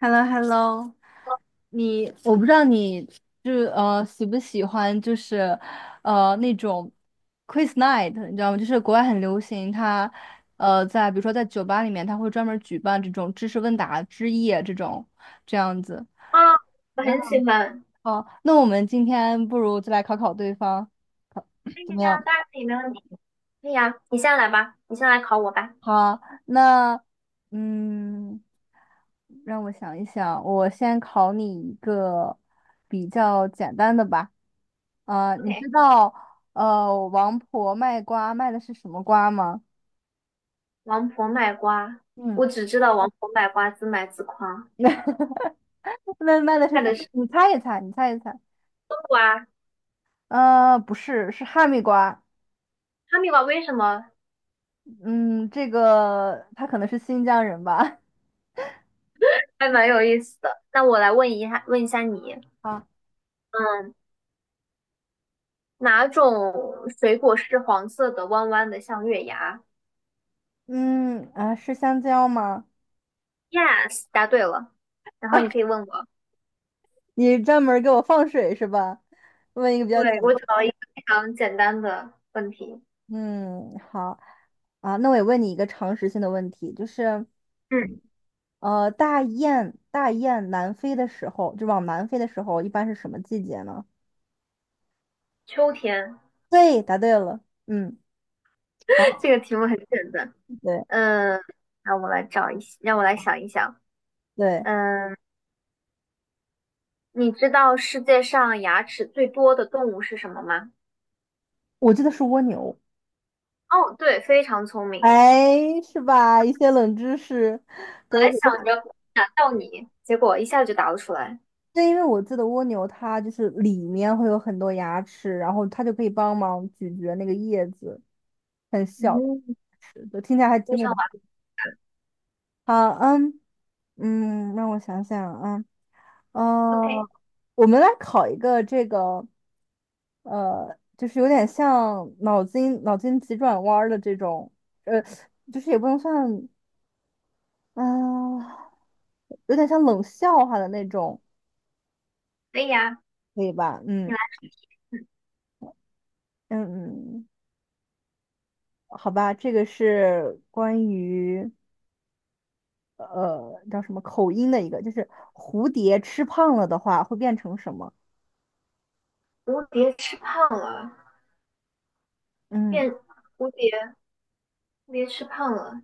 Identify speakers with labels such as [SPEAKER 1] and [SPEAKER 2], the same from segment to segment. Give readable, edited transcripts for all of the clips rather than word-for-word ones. [SPEAKER 1] h e l l o h e l l o。 我不知道你就是喜不喜欢就是那种 quiz night，你知道吗？就是国外很流行，它在比如说在酒吧里面，它会专门举办这种知识问答之夜这种这样子。
[SPEAKER 2] 啊，我
[SPEAKER 1] 然
[SPEAKER 2] 很
[SPEAKER 1] 后，
[SPEAKER 2] 喜欢。
[SPEAKER 1] 哦那我们今天不如就来考考对方，考
[SPEAKER 2] 可 以
[SPEAKER 1] 怎
[SPEAKER 2] 呀，
[SPEAKER 1] 么样？
[SPEAKER 2] 当然可以，没问题。可以呀，你先来吧，你先来考我吧。
[SPEAKER 1] 好，那嗯，让我想一想，我先考你一个比较简单的吧。啊，你知
[SPEAKER 2] OK,
[SPEAKER 1] 道王婆卖瓜卖的是什么瓜吗？
[SPEAKER 2] 王婆卖瓜，
[SPEAKER 1] 嗯。
[SPEAKER 2] 我只知道王婆卖瓜，自卖自夸。
[SPEAKER 1] 那卖的是
[SPEAKER 2] 干
[SPEAKER 1] 什么？
[SPEAKER 2] 的是
[SPEAKER 1] 你猜一猜，你猜一猜。
[SPEAKER 2] 冬瓜、
[SPEAKER 1] 不是，是哈密瓜。
[SPEAKER 2] 哈密瓜，为什么？
[SPEAKER 1] 嗯，这个他可能是新疆人吧？
[SPEAKER 2] 还蛮有意思的。那我来问一下你，
[SPEAKER 1] 啊，
[SPEAKER 2] 嗯，哪种水果是黄色的，弯弯的，像月牙
[SPEAKER 1] 嗯，啊，是香蕉吗？
[SPEAKER 2] ？Yes,答对了。然后你可以问我，
[SPEAKER 1] 你专门儿给我放水是吧？问一个比较简
[SPEAKER 2] 对，我找了一个非常简单的问题。
[SPEAKER 1] 嗯，好啊，那我也问你一个常识性的问题，就是
[SPEAKER 2] 嗯，
[SPEAKER 1] 大雁南飞的时候，就往南飞的时候，一般是什么季节呢？
[SPEAKER 2] 秋天，
[SPEAKER 1] 对，答对了，嗯，好，
[SPEAKER 2] 这个题目很简单。
[SPEAKER 1] 对
[SPEAKER 2] 嗯，让我来想一想。
[SPEAKER 1] 对，
[SPEAKER 2] 嗯，你知道世界上牙齿最多的动物是什么吗？
[SPEAKER 1] 我记得是蜗牛，
[SPEAKER 2] 哦，对，非常聪明。
[SPEAKER 1] 哎，是吧？一些冷知识，
[SPEAKER 2] 本
[SPEAKER 1] 对，我
[SPEAKER 2] 来想
[SPEAKER 1] 我
[SPEAKER 2] 着难到你，结果一下就答不出来。
[SPEAKER 1] 对，因为我记得蜗牛它就是里面会有很多牙齿，然后它就可以帮忙咀嚼那个叶子，很小的
[SPEAKER 2] 嗯，
[SPEAKER 1] 牙齿，就听起来还
[SPEAKER 2] 非
[SPEAKER 1] 挺恐
[SPEAKER 2] 常完
[SPEAKER 1] 怖。好，嗯嗯，让我想想啊。
[SPEAKER 2] 美。 OK,
[SPEAKER 1] 哦，我们来考一个这个，就是有点像脑筋急转弯儿的这种，呃，就是也不能算，嗯、有点像冷笑话的那种，
[SPEAKER 2] 可以呀，
[SPEAKER 1] 可以吧？
[SPEAKER 2] 你
[SPEAKER 1] 嗯
[SPEAKER 2] 来。
[SPEAKER 1] 嗯嗯，好吧，这个是关于叫什么口音的一个，就是蝴蝶吃胖了的话会变成什么？
[SPEAKER 2] 蝴蝶吃胖了，
[SPEAKER 1] 嗯，
[SPEAKER 2] 变蝴蝶，蝴蝶吃胖了，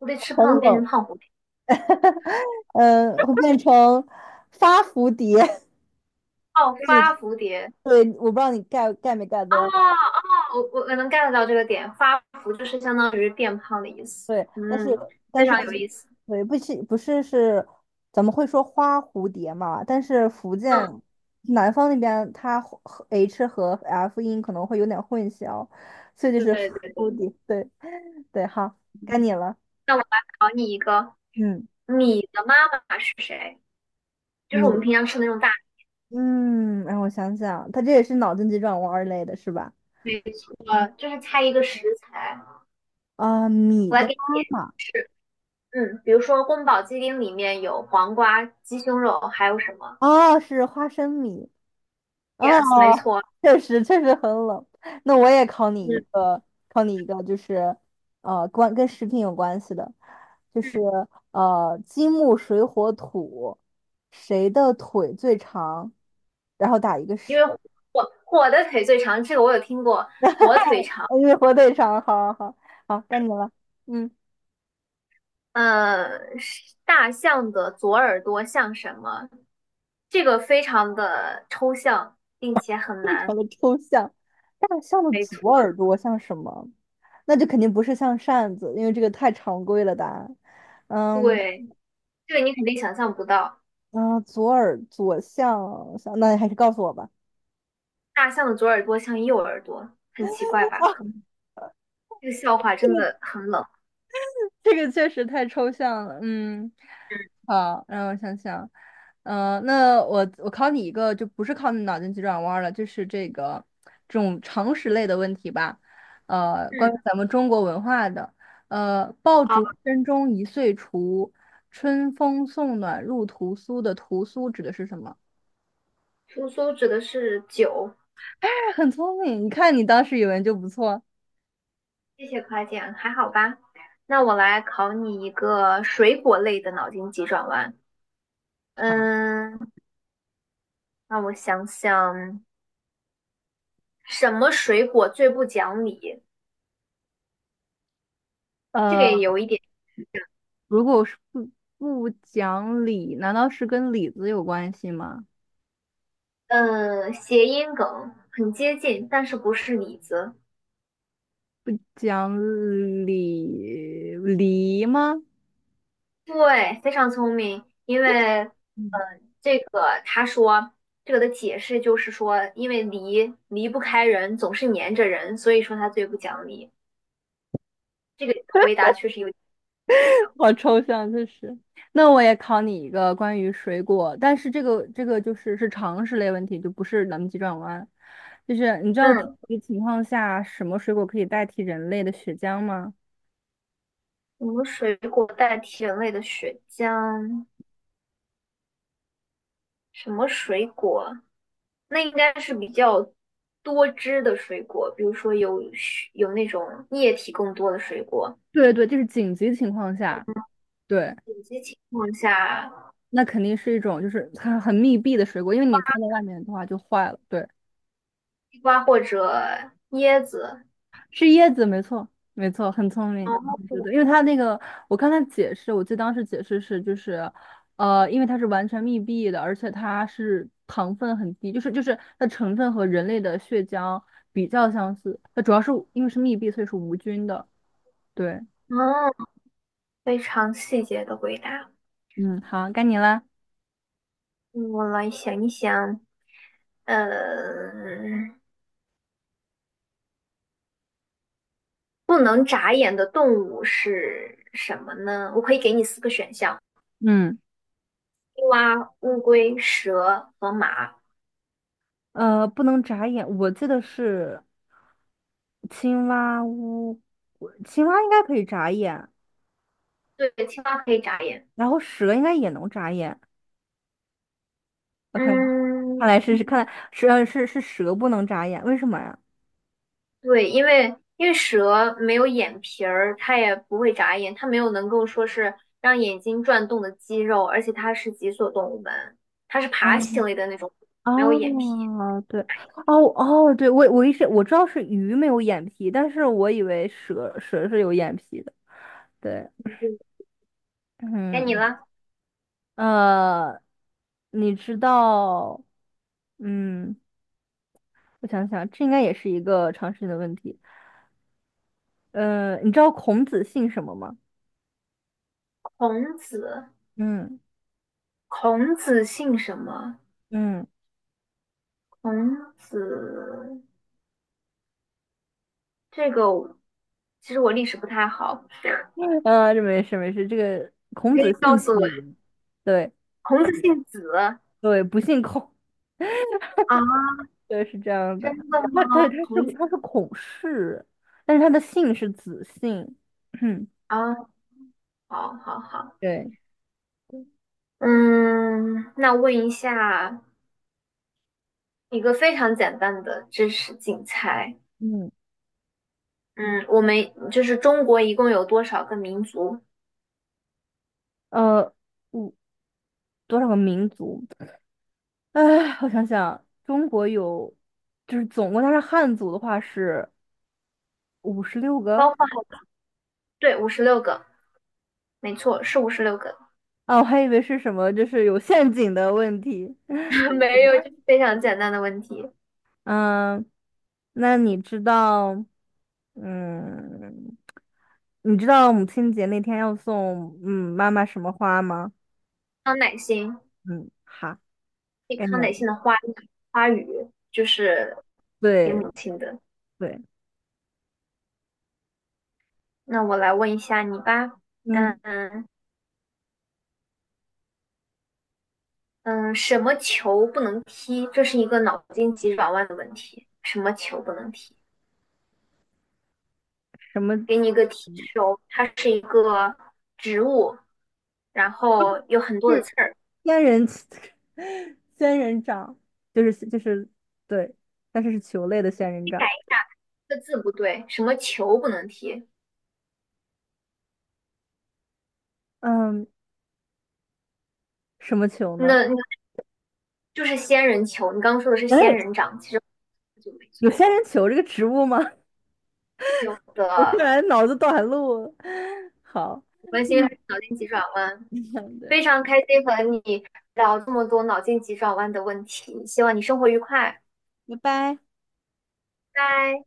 [SPEAKER 2] 蝴蝶吃
[SPEAKER 1] 很
[SPEAKER 2] 胖了变成
[SPEAKER 1] 冷。
[SPEAKER 2] 胖蝴蝶。
[SPEAKER 1] 嗯，会变成发蝴蝶，
[SPEAKER 2] 哦，
[SPEAKER 1] 让
[SPEAKER 2] 发
[SPEAKER 1] 你
[SPEAKER 2] 蝴蝶。
[SPEAKER 1] 对，我不知道你 get 没 get
[SPEAKER 2] 哦
[SPEAKER 1] 到，
[SPEAKER 2] 哦，我能 get 到这个点，发福就是相当于变胖的意思。
[SPEAKER 1] 对，但是
[SPEAKER 2] 嗯，
[SPEAKER 1] 但
[SPEAKER 2] 非
[SPEAKER 1] 是
[SPEAKER 2] 常
[SPEAKER 1] 不，
[SPEAKER 2] 有意思。
[SPEAKER 1] 对，不是是，咱们会说花蝴蝶嘛，但是福
[SPEAKER 2] 嗯，
[SPEAKER 1] 建南方那边它和 H 和 F 音可能会有点混淆，所以就
[SPEAKER 2] 对
[SPEAKER 1] 是
[SPEAKER 2] 对
[SPEAKER 1] 花
[SPEAKER 2] 对
[SPEAKER 1] 蝴
[SPEAKER 2] 对，
[SPEAKER 1] 蝶，对对，好，该
[SPEAKER 2] 嗯，
[SPEAKER 1] 你了，
[SPEAKER 2] 那我来考你一个，
[SPEAKER 1] 嗯，
[SPEAKER 2] 你的妈妈是谁？就是我
[SPEAKER 1] 你，
[SPEAKER 2] 们平常吃的那种大
[SPEAKER 1] 嗯，让我想想，它这也是脑筋急转弯儿类的是吧？嗯
[SPEAKER 2] 菜，就是猜一个食材。
[SPEAKER 1] 米
[SPEAKER 2] 我来
[SPEAKER 1] 的妈
[SPEAKER 2] 给你点提
[SPEAKER 1] 妈，
[SPEAKER 2] 示，嗯，比如说宫保鸡丁里面有黄瓜、鸡胸肉，还有什么
[SPEAKER 1] 哦，是花生米。啊，
[SPEAKER 2] ？Yes,没错，
[SPEAKER 1] 确实确实很冷。那我也考你一
[SPEAKER 2] 嗯
[SPEAKER 1] 个，就是跟食品有关系的，就
[SPEAKER 2] 嗯，
[SPEAKER 1] 是金木水火土，谁的腿最长？然后打一个
[SPEAKER 2] 因
[SPEAKER 1] 十，
[SPEAKER 2] 为火火的腿最长，这个我有听过。
[SPEAKER 1] 因为火腿肠，好好好，好，该你了。嗯，
[SPEAKER 2] 呃，是大象的左耳朵像什么？这个非常的抽象，并且很
[SPEAKER 1] 非常
[SPEAKER 2] 难。
[SPEAKER 1] 的抽象。大象的
[SPEAKER 2] 没错，
[SPEAKER 1] 左耳朵像什么？那就肯定不是像扇子，因为这个太常规了答案。嗯。
[SPEAKER 2] 对。这个你肯定想象不到，
[SPEAKER 1] 啊，左耳左向向，那你还是告诉我吧。
[SPEAKER 2] 大象的左耳朵像右耳朵，很奇怪 吧？
[SPEAKER 1] 啊，
[SPEAKER 2] 很，这个笑话
[SPEAKER 1] 这
[SPEAKER 2] 真
[SPEAKER 1] 个
[SPEAKER 2] 的很冷。
[SPEAKER 1] 这个确实太抽象了，嗯，
[SPEAKER 2] 嗯
[SPEAKER 1] 好，让我想想，那我考你一个，就不是靠脑筋急转弯儿了，就是这种常识类的问题吧，关于
[SPEAKER 2] 嗯，
[SPEAKER 1] 咱们中国文化的，爆竹
[SPEAKER 2] 好，
[SPEAKER 1] 声中一岁除，春风送暖入屠苏的屠苏指的是什么？
[SPEAKER 2] 苏苏指的是酒，
[SPEAKER 1] 哎很聪明，你看你当时语文就不错，
[SPEAKER 2] 谢谢夸奖，还好吧？那我来考你一个水果类的脑筋急转弯。嗯，让我想想，什么水果最不讲理？这个也
[SPEAKER 1] 呃。
[SPEAKER 2] 有一点，
[SPEAKER 1] 如果是不讲理，难道是跟李子有关系吗？
[SPEAKER 2] 嗯，谐音梗，很接近，但是不是李子。
[SPEAKER 1] 讲理梨吗？
[SPEAKER 2] 对，非常聪明，因为
[SPEAKER 1] 嗯，
[SPEAKER 2] 这个他说，这个的解释就是说，因为离离不开人，总是粘着人，所以说他最不讲理。这个回答确实有点像。
[SPEAKER 1] 好抽象，就是。那我也考你一个关于水果，但是这个就是常识类问题，就不是咱们急转弯。就是你知道紧
[SPEAKER 2] 嗯，
[SPEAKER 1] 急情况下什么水果可以代替人类的血浆吗？
[SPEAKER 2] 什么水果代替人类的血浆？什么水果？那应该是比较多汁的水果，比如说有血有那种液体更多的水果。
[SPEAKER 1] 对对，就是紧急情况下，对，
[SPEAKER 2] 有些情况下，
[SPEAKER 1] 那肯定是一种就是很密闭的水果，因为你放在外面的话就坏了。对。
[SPEAKER 2] 西瓜或者椰子。
[SPEAKER 1] 是椰子，没错，没错，很聪明，
[SPEAKER 2] 哦，
[SPEAKER 1] 我觉得，因为它那个，我看它解释，我记得当时解释是，就是，因为它是完全密闭的，而且它是糖分很低，就是它成分和人类的血浆比较相似，它主要是因为是密闭，所以是无菌的。对，
[SPEAKER 2] 嗯，非常细节的回答。
[SPEAKER 1] 嗯，好，该你了。
[SPEAKER 2] 嗯我来想一想，呃，不能眨眼的动物是什么呢？我可以给你4个选项：
[SPEAKER 1] 嗯，
[SPEAKER 2] 青蛙、乌龟、蛇和马。
[SPEAKER 1] 不能眨眼，我记得是青蛙屋，我青蛙应该可以眨眼，
[SPEAKER 2] 对，青蛙可以眨眼。
[SPEAKER 1] 然后蛇应该也能眨眼。OK，
[SPEAKER 2] 嗯，
[SPEAKER 1] 看来是看来是是蛇不能眨眼，为什么呀？
[SPEAKER 2] 对，因为蛇没有眼皮儿，它也不会眨眼，它没有能够说是让眼睛转动的肌肉，而且它是脊索动物门，它是爬行
[SPEAKER 1] 嗯，
[SPEAKER 2] 类的那种，没有眼皮。
[SPEAKER 1] 哦，对，哦哦，对，我一直我知道是鱼没有眼皮，但是我以为蛇是有眼皮的。对，
[SPEAKER 2] 该你
[SPEAKER 1] 嗯，
[SPEAKER 2] 了，
[SPEAKER 1] 呃，你知道，嗯，我想想，这应该也是一个常识性的问题。你知道孔子姓什么吗？
[SPEAKER 2] 孔子，
[SPEAKER 1] 嗯
[SPEAKER 2] 孔子姓什么？
[SPEAKER 1] 嗯，
[SPEAKER 2] 孔子这个我，其实我历史不太好，
[SPEAKER 1] 这没事没事，这个
[SPEAKER 2] 你
[SPEAKER 1] 孔
[SPEAKER 2] 可
[SPEAKER 1] 子
[SPEAKER 2] 以告
[SPEAKER 1] 姓
[SPEAKER 2] 诉我，
[SPEAKER 1] 子，对
[SPEAKER 2] 孔子姓子啊？
[SPEAKER 1] 对，不姓孔。对，是这样的。
[SPEAKER 2] 真的吗？
[SPEAKER 1] 那他他
[SPEAKER 2] 孔
[SPEAKER 1] 是
[SPEAKER 2] 子
[SPEAKER 1] 他是孔氏，但是他的姓是子姓。
[SPEAKER 2] 啊，好好好，
[SPEAKER 1] 对，
[SPEAKER 2] 嗯，那问一下一个非常简单的知识竞猜，
[SPEAKER 1] 嗯，
[SPEAKER 2] 嗯，我们就是中国一共有多少个民族？
[SPEAKER 1] 呃，五多少个民族？哎，我想想，中国有，就是总共他是汉族的话是56个
[SPEAKER 2] 包括对，五十六个，没错，是五十六个，
[SPEAKER 1] 啊，我还以为是什么，就是有陷阱的问题。
[SPEAKER 2] 没有，就是非常简单的问题。
[SPEAKER 1] 嗯，那嗯，你知道母亲节那天要送妈妈什么花吗？
[SPEAKER 2] 康乃馨，
[SPEAKER 1] 嗯，好。
[SPEAKER 2] 一
[SPEAKER 1] 概
[SPEAKER 2] 康
[SPEAKER 1] 念
[SPEAKER 2] 乃
[SPEAKER 1] 了。
[SPEAKER 2] 馨的花语就是给
[SPEAKER 1] 对
[SPEAKER 2] 母亲的。
[SPEAKER 1] 对，
[SPEAKER 2] 那我来问一下你吧，嗯
[SPEAKER 1] 嗯，
[SPEAKER 2] 嗯，什么球不能踢？这是一个脑筋急转弯的问题。什么球不能踢？
[SPEAKER 1] 什么
[SPEAKER 2] 给你一个提示哦，它是一个植物，然后有很多的
[SPEAKER 1] 是
[SPEAKER 2] 刺儿。
[SPEAKER 1] 仙人 仙人掌，就是对，但是是球类的仙人
[SPEAKER 2] 你改
[SPEAKER 1] 掌。
[SPEAKER 2] 一个字不对，什么球不能踢？
[SPEAKER 1] 嗯，什么球
[SPEAKER 2] 那
[SPEAKER 1] 呢？
[SPEAKER 2] 那就是仙人球。你刚刚说的是仙
[SPEAKER 1] 哎，
[SPEAKER 2] 人掌，其实就没
[SPEAKER 1] 有
[SPEAKER 2] 错。
[SPEAKER 1] 仙人球这个植物吗？
[SPEAKER 2] 有
[SPEAKER 1] 我突
[SPEAKER 2] 的，
[SPEAKER 1] 然脑子短路了。好，
[SPEAKER 2] 我关心还是脑筋急转弯。
[SPEAKER 1] 对，
[SPEAKER 2] 非常开心和你聊这么多脑筋急转弯的问题，希望你生活愉快，拜
[SPEAKER 1] 拜拜。
[SPEAKER 2] 拜